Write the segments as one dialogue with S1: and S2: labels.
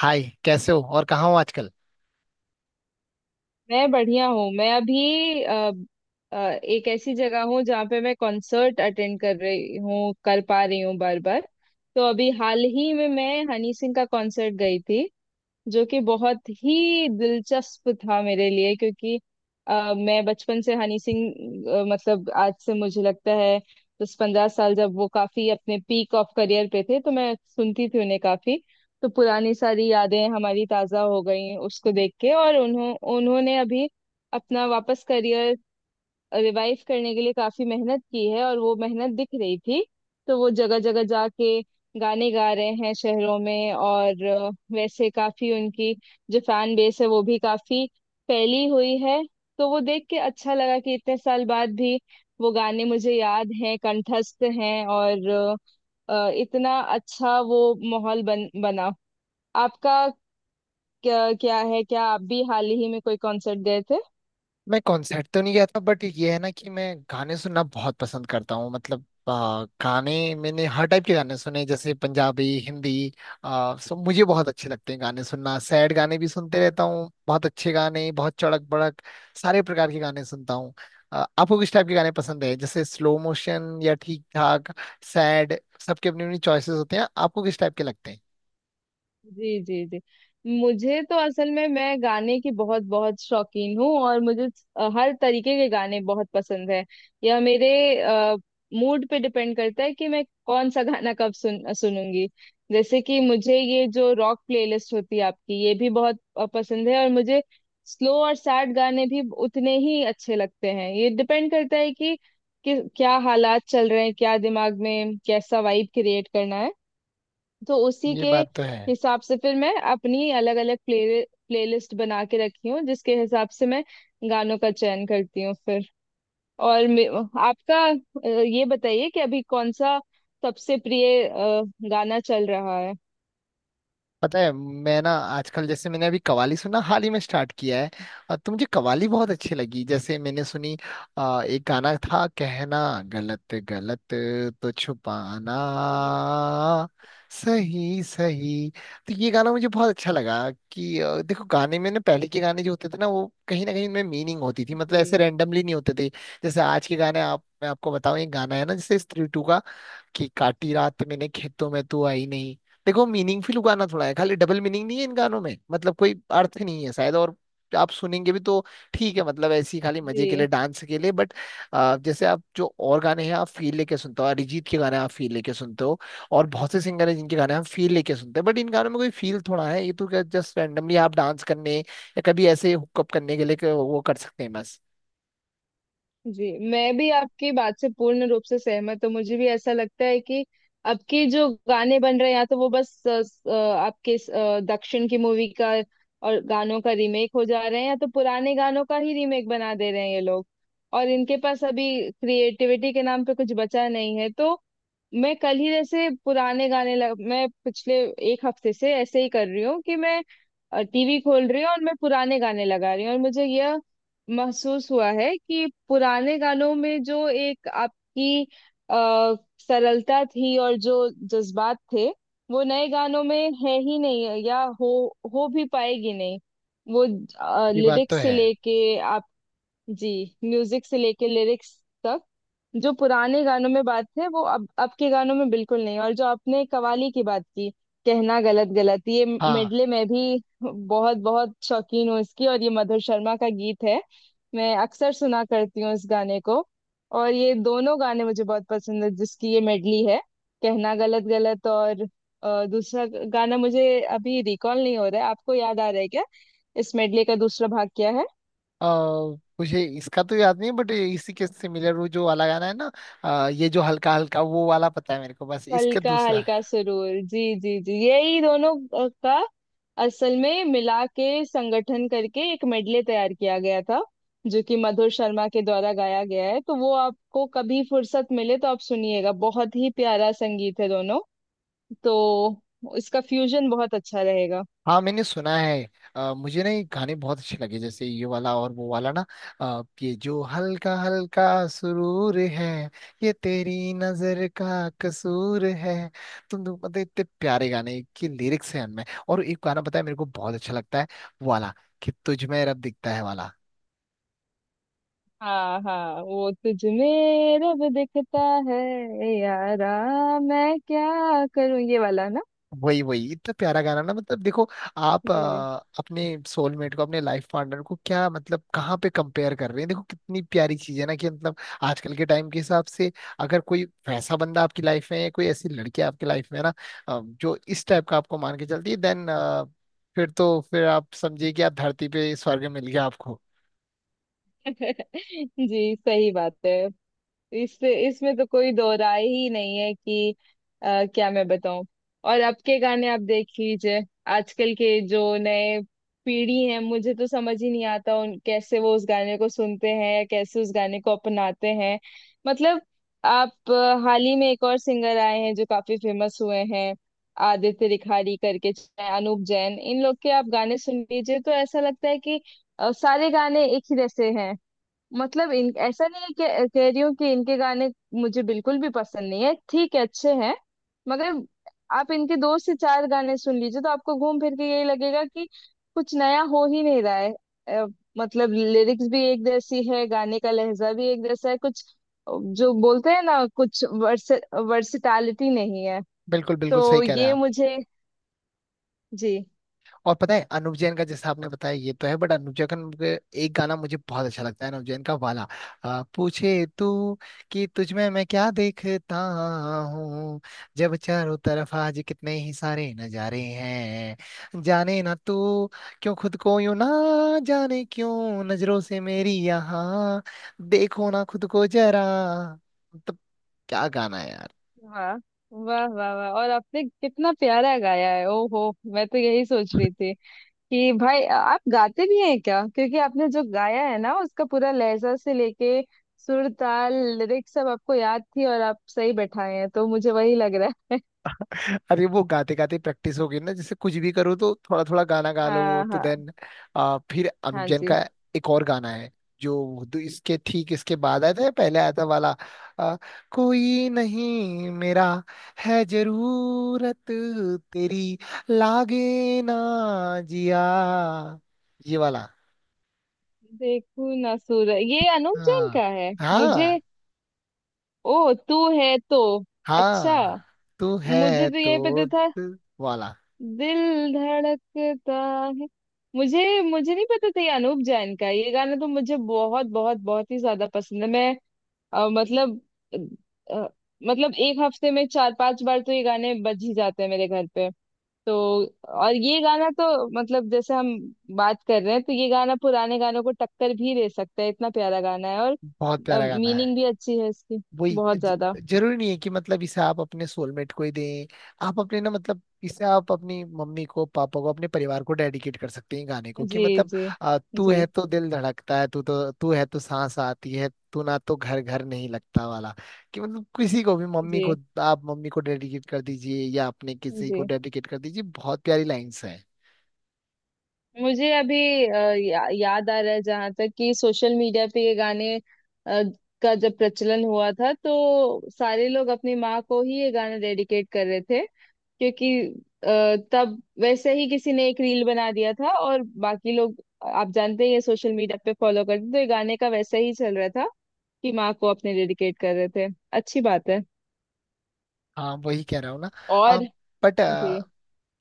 S1: हाय, कैसे हो और कहाँ हो आजकल।
S2: मैं बढ़िया हूँ। मैं अभी अ, एक ऐसी जगह हूँ जहाँ पे मैं कॉन्सर्ट अटेंड कर रही हूँ, कर पा रही हूँ बार बार। तो अभी हाल ही में मैं हनी सिंह का कॉन्सर्ट गई थी, जो कि बहुत ही दिलचस्प था मेरे लिए, क्योंकि मैं बचपन से हनी सिंह, मतलब आज से मुझे लगता है 10-15 साल जब वो काफी अपने पीक ऑफ करियर पे थे तो मैं सुनती थी उन्हें काफी। तो पुरानी सारी यादें हमारी ताजा हो गई उसको देख के, और उन्होंने अभी अपना वापस करियर रिवाइव करने के लिए काफी मेहनत की है और वो मेहनत दिख रही थी। तो वो जगह जगह जाके गाने गा रहे हैं शहरों में, और वैसे काफी उनकी जो फैन बेस है वो भी काफी फैली हुई है। तो वो देख के अच्छा लगा कि इतने साल बाद भी वो गाने मुझे याद हैं, कंठस्थ हैं, और इतना अच्छा वो माहौल बन बना। आपका क्या है, क्या आप भी हाल ही में कोई कॉन्सर्ट गए थे?
S1: मैं कॉन्सर्ट तो नहीं गया था बट ये है ना कि मैं गाने सुनना बहुत पसंद करता हूँ। मतलब गाने मैंने हर टाइप के गाने सुने, जैसे पंजाबी, हिंदी। सब मुझे बहुत अच्छे लगते हैं, गाने सुनना। सैड गाने भी सुनते रहता हूँ, बहुत अच्छे गाने, बहुत चड़क बड़क। सारे प्रकार के गाने सुनता हूँ। आपको किस टाइप के गाने पसंद है, जैसे स्लो मोशन या ठीक ठाक, सैड। सबके अपनी अपनी चॉइसेस होते हैं, आपको किस टाइप के लगते हैं।
S2: जी जी जी। मुझे तो असल में, मैं गाने की बहुत बहुत शौकीन हूँ और मुझे हर तरीके के गाने बहुत पसंद है। यह मेरे मूड पे डिपेंड करता है कि मैं कौन सा गाना कब सुनूंगी। जैसे कि मुझे ये जो रॉक प्लेलिस्ट होती है आपकी ये भी बहुत पसंद है, और मुझे स्लो और सैड गाने भी उतने ही अच्छे लगते हैं। ये डिपेंड करता है कि क्या हालात चल रहे हैं, क्या दिमाग में कैसा वाइब क्रिएट करना है। तो उसी
S1: ये
S2: के
S1: बात तो है।
S2: हिसाब से फिर मैं अपनी अलग अलग प्लेलिस्ट बना के रखी हूँ, जिसके हिसाब से मैं गानों का चयन करती हूँ फिर। और मे- आपका, ये बताइए कि अभी कौन सा सबसे प्रिय गाना चल रहा है?
S1: पता है मैं ना आजकल, जैसे मैंने अभी कवाली सुनना हाल ही में स्टार्ट किया है। और तो मुझे कवाली बहुत अच्छी लगी, जैसे मैंने सुनी। एक गाना था, कहना गलत गलत तो छुपाना
S2: जी
S1: सही सही। तो ये गाना मुझे बहुत अच्छा लगा कि देखो, गाने में ना पहले के गाने जो होते थे ना, वो कहीं ना कहीं उनमें मीनिंग होती थी। मतलब ऐसे रेंडमली नहीं होते थे। जैसे आज के गाने, आप, मैं आपको बताऊं, एक गाना है ना जैसे स्त्री टू, कि काटी रात मैंने खेतों में तू आई नहीं। देखो, मीनिंगफुल गाना थोड़ा है, खाली डबल मीनिंग नहीं है। इन गानों में मतलब कोई अर्थ नहीं है शायद। और आप सुनेंगे भी तो ठीक है, मतलब ऐसी खाली मजे के लिए,
S2: जी
S1: डांस के लिए। बट जैसे आप जो और गाने हैं, आप फील लेके सुनते हो, अरिजीत के गाने आप फील लेके सुनते हो। और बहुत से सिंगर हैं जिनके गाने हम फील लेके सुनते हैं। बट इन गानों में कोई फील थोड़ा है, ये तो क्या जस्ट रैंडमली आप डांस करने या कभी ऐसे हुकअप करने के लिए कि वो कर सकते हैं, बस।
S2: जी। मैं भी आपकी बात से पूर्ण रूप से सहमत हूँ। मुझे भी ऐसा लगता है कि अब के जो गाने बन रहे हैं, या तो वो बस आपके दक्षिण की मूवी का और गानों का रीमेक हो जा रहे हैं, या तो पुराने गानों का ही रीमेक बना दे रहे हैं ये लोग, और इनके पास अभी क्रिएटिविटी के नाम पे कुछ बचा नहीं है। तो मैं कल ही जैसे पुराने गाने मैं पिछले एक हफ्ते से ऐसे ही कर रही हूँ कि मैं टीवी खोल रही हूँ और मैं पुराने गाने लगा रही हूँ, और मुझे यह महसूस हुआ है कि पुराने गानों में जो एक आपकी आ, सरलता थी और जो जज्बात थे, वो नए गानों में है ही नहीं, या हो भी पाएगी नहीं वो।
S1: ये बात तो
S2: लिरिक्स से
S1: है।
S2: लेके आप, जी, म्यूजिक से लेके लिरिक्स तक जो पुराने गानों में बात है वो अब के गानों में बिल्कुल नहीं। और जो आपने कवाली की बात की, कहना गलत गलत, ये
S1: हाँ,
S2: मेडले मैं भी बहुत बहुत शौकीन हूँ इसकी, और ये मधुर शर्मा का गीत है। मैं अक्सर सुना करती हूँ इस गाने को, और ये दोनों गाने मुझे बहुत पसंद है जिसकी ये मेडली है, कहना गलत गलत, और दूसरा गाना मुझे अभी रिकॉल नहीं हो रहा है। आपको याद आ रहा है क्या इस मेडले का दूसरा भाग क्या है?
S1: अ, मुझे इसका तो याद नहीं, बट इसी के सिमिलर वो जो वाला गाना है ना, ये जो हल्का हल्का, वो वाला पता है मेरे को, बस इसका
S2: हल्का
S1: दूसरा।
S2: हल्का सुरूर। जी जी जी। यही दोनों का असल में मिला के संगठन करके एक मेडले तैयार किया गया था, जो कि मधुर शर्मा के द्वारा गाया गया है। तो वो आपको कभी फुर्सत मिले तो आप सुनिएगा, बहुत ही प्यारा संगीत है दोनों, तो इसका फ्यूजन बहुत अच्छा रहेगा।
S1: हाँ, मैंने सुना है। मुझे ना ये गाने बहुत अच्छे लगे, जैसे ये वाला और वो वाला ना। ये जो हल्का हल्का सुरूर है, ये तेरी नजर का कसूर है, तुम तो पता है, इतने प्यारे गाने के लिरिक्स हैं उनमें। और एक गाना, पता है मेरे को बहुत अच्छा लगता है, वो वाला, कि तुझ में रब दिखता है वाला।
S2: हाँ हाँ, वो तुझ में रब दिखता है यारा, मैं क्या करूं, ये वाला ना?
S1: वही वही, इतना प्यारा गाना ना। मतलब देखो, आप
S2: जी।
S1: अपने सोलमेट को, अपने लाइफ पार्टनर को, क्या मतलब कहाँ पे कंपेयर कर रहे हैं। देखो कितनी प्यारी चीज है ना कि मतलब, आजकल के टाइम के हिसाब से अगर कोई वैसा बंदा आपकी लाइफ में है, कोई ऐसी लड़की आपकी लाइफ में है ना, जो इस टाइप का आपको मान के चलती है, देन फिर तो फिर आप समझिए कि आप धरती पे स्वर्ग मिल गया आपको।
S2: जी, सही बात है। इससे इसमें तो कोई दो राय ही नहीं है कि क्या मैं बताऊं, और अब के गाने आप देख लीजिए। आजकल के जो नए पीढ़ी है, मुझे तो समझ ही नहीं आता उन कैसे वो उस गाने को सुनते हैं या कैसे उस गाने को अपनाते हैं। मतलब आप, हाल ही में एक और सिंगर आए हैं जो काफी फेमस हुए हैं, आदित्य रिखारी करके, चाहे अनूप जैन, इन लोग के आप गाने सुन लीजिए तो ऐसा लगता है कि सारे गाने एक ही जैसे हैं। मतलब इन ऐसा नहीं है कि कह रही हूँ कि इनके गाने मुझे बिल्कुल भी पसंद नहीं है, ठीक है, अच्छे हैं, मगर आप इनके दो से चार गाने सुन लीजिए तो आपको घूम फिर के यही लगेगा कि कुछ नया हो ही नहीं रहा है। अ, मतलब लिरिक्स भी एक जैसी है, गाने का लहजा भी एक जैसा है, कुछ जो बोलते हैं ना कुछ वर्स, वर्सिटैलिटी नहीं है।
S1: बिल्कुल बिल्कुल
S2: तो
S1: सही कह रहे हैं
S2: ये
S1: आप।
S2: मुझे, जी,
S1: और पता है, अनुव जैन का, जैसा आपने बताया ये तो है, बट अनुव जैन का एक गाना मुझे बहुत अच्छा लगता है, अनुव जैन का वाला। पूछे तू कि तुझ में मैं क्या देखता हूँ, जब चारों तरफ आज कितने ही सारे नजारे हैं, जाने ना तू क्यों खुद को, यूं ना जाने क्यों नजरों से मेरी यहाँ, देखो ना खुद को जरा। मतलब क्या गाना है यार।
S2: वाह वाह वाह वाह, और आपने कितना प्यारा गाया है, ओहो! मैं तो यही सोच रही थी कि भाई आप गाते भी हैं क्या, क्योंकि आपने जो गाया है ना उसका पूरा लहजा से लेके सुर ताल लिरिक्स सब आपको याद थी और आप सही बैठाए हैं, तो मुझे वही लग रहा है।
S1: अरे, वो गाते गाते प्रैक्टिस हो गई ना, जैसे कुछ भी करो तो थोड़ा थोड़ा गाना गा लो
S2: हाँ
S1: तो
S2: हाँ
S1: देन। फिर अनुप
S2: हाँ।
S1: जैन का
S2: जी।
S1: एक और गाना है, जो इसके ठीक इसके बाद आया था या पहले आया था वाला, आ, कोई नहीं मेरा है जरूरत तेरी, लागे ना जिया, ये वाला।
S2: देखू ना सूरज, ये अनूप जैन
S1: हाँ।
S2: का है? मुझे,
S1: हाँ।
S2: ओ तू है तो, अच्छा,
S1: हाँ। तू है
S2: मुझे तो यही पता
S1: तो
S2: था,
S1: दिल वाला।
S2: दिल धड़कता है। मुझे, मुझे नहीं पता था ये अनूप जैन का है। ये गाना तो मुझे बहुत बहुत बहुत ही ज्यादा पसंद है। मैं, मतलब, अ, मतलब एक हफ्ते में 4-5 बार तो ये गाने बज ही जाते हैं मेरे घर पे। तो, और ये गाना तो, मतलब जैसे हम बात कर रहे हैं, तो ये गाना पुराने गानों को टक्कर भी दे सकता है, इतना प्यारा गाना है। और
S1: बहुत प्यारा गाना है।
S2: मीनिंग भी अच्छी है इसकी,
S1: वही
S2: बहुत
S1: ज-
S2: ज्यादा।
S1: जरूरी नहीं है कि मतलब इसे आप अपने सोलमेट को ही दें। आप अपने ना, मतलब इसे आप अपनी मम्मी को, पापा को, अपने परिवार को डेडिकेट कर सकते हैं गाने को कि
S2: जी
S1: मतलब,
S2: जी
S1: तू
S2: जी।
S1: है तो दिल धड़कता है, तू तो, तू है तो सांस आती है, तू ना तो घर घर नहीं लगता वाला। कि मतलब किसी को भी, मम्मी को,
S2: जी
S1: आप मम्मी को डेडिकेट कर दीजिए या अपने किसी को
S2: जी।
S1: डेडिकेट कर दीजिए, बहुत प्यारी लाइंस है।
S2: मुझे अभी याद आ रहा है जहां तक कि सोशल मीडिया पे ये गाने का जब प्रचलन हुआ था, तो सारे लोग अपनी माँ को ही ये गाना डेडिकेट कर रहे थे, क्योंकि तब वैसे ही किसी ने एक रील बना दिया था और बाकी लोग, आप जानते हैं, ये सोशल मीडिया पे फॉलो करते हैं, तो ये गाने का वैसे ही चल रहा था कि माँ को अपने डेडिकेट कर रहे थे। अच्छी बात है।
S1: हाँ, वही कह रहा हूँ ना।
S2: और
S1: बट
S2: जी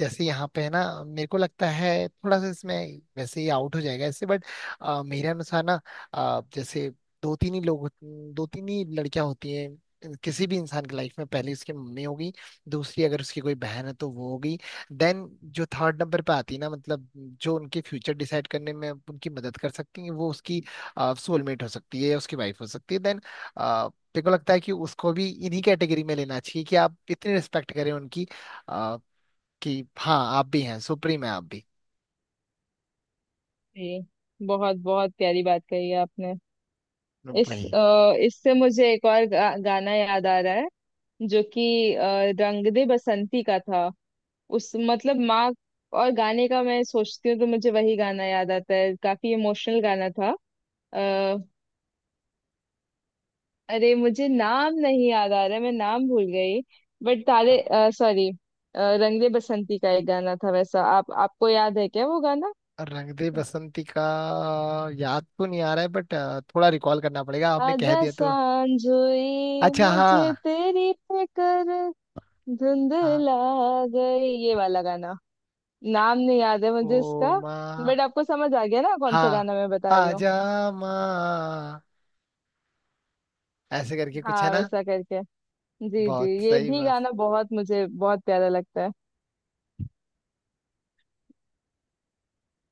S1: जैसे यहाँ पे है ना, मेरे को लगता है थोड़ा सा इसमें वैसे ही आउट हो जाएगा इससे, बट मेरे अनुसार ना, जैसे दो तीन ही लोग होत- दो तीन ही लड़कियां होती हैं किसी भी इंसान की लाइफ में। पहली उसकी मम्मी होगी, दूसरी अगर उसकी कोई बहन है तो वो होगी, देन जो थर्ड नंबर पे आती है ना, मतलब जो उनके फ्यूचर डिसाइड करने में उनकी मदद कर सकती है, वो उसकी सोलमेट हो सकती है या उसकी वाइफ हो सकती है। देन मेरे को लगता है कि उसको भी इन्हीं कैटेगरी में लेना चाहिए, कि आप इतनी रिस्पेक्ट करें उनकी कि हाँ, आप भी हैं, सुप्रीम है आप भी।
S2: जी। बहुत बहुत प्यारी बात कही है आपने। इस
S1: भाई,
S2: इससे मुझे एक और गाना याद आ रहा है, जो कि रंग दे बसंती का था, उस मतलब माँ और गाने का मैं सोचती हूँ तो मुझे वही गाना याद आता है, काफी इमोशनल गाना था। आ, अरे मुझे नाम नहीं याद आ रहा है, मैं नाम भूल गई, बट तारे, सॉरी, रंग दे बसंती का एक गाना था वैसा। आप, आपको याद है क्या वो गाना?
S1: रंग दे बसंती का याद तो नहीं आ रहा है, बट थोड़ा रिकॉल करना पड़ेगा, आपने कह
S2: आजा
S1: दिया तो।
S2: सांझ हुई
S1: अच्छा, हाँ।
S2: मुझे तेरी फिक्र,
S1: हाँ।
S2: धुंधला गई, ये वाला गाना। नाम नहीं याद है
S1: ओ
S2: मुझे इसका,
S1: माँ।
S2: बट आपको समझ आ गया ना कौन सा
S1: हाँ,
S2: गाना मैं बता रही
S1: आ
S2: हूँ?
S1: जा माँ, ऐसे करके कुछ है
S2: हाँ
S1: ना।
S2: वैसा करके। जी जी,
S1: बहुत
S2: ये
S1: सही,
S2: भी
S1: बस।
S2: गाना बहुत मुझे बहुत प्यारा लगता है।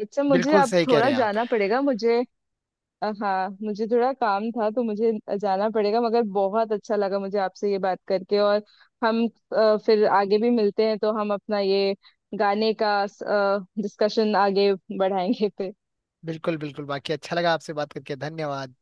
S2: अच्छा, मुझे
S1: बिल्कुल
S2: अब
S1: सही कह रहे
S2: थोड़ा
S1: हैं आप।
S2: जाना पड़ेगा। मुझे हाँ मुझे थोड़ा काम था तो मुझे जाना पड़ेगा, मगर बहुत अच्छा लगा मुझे आपसे ये बात करके। और हम फिर आगे भी मिलते हैं तो हम अपना ये गाने का डिस्कशन आगे बढ़ाएंगे फिर।
S1: बिल्कुल बिल्कुल, बाकी अच्छा लगा आपसे बात करके, धन्यवाद।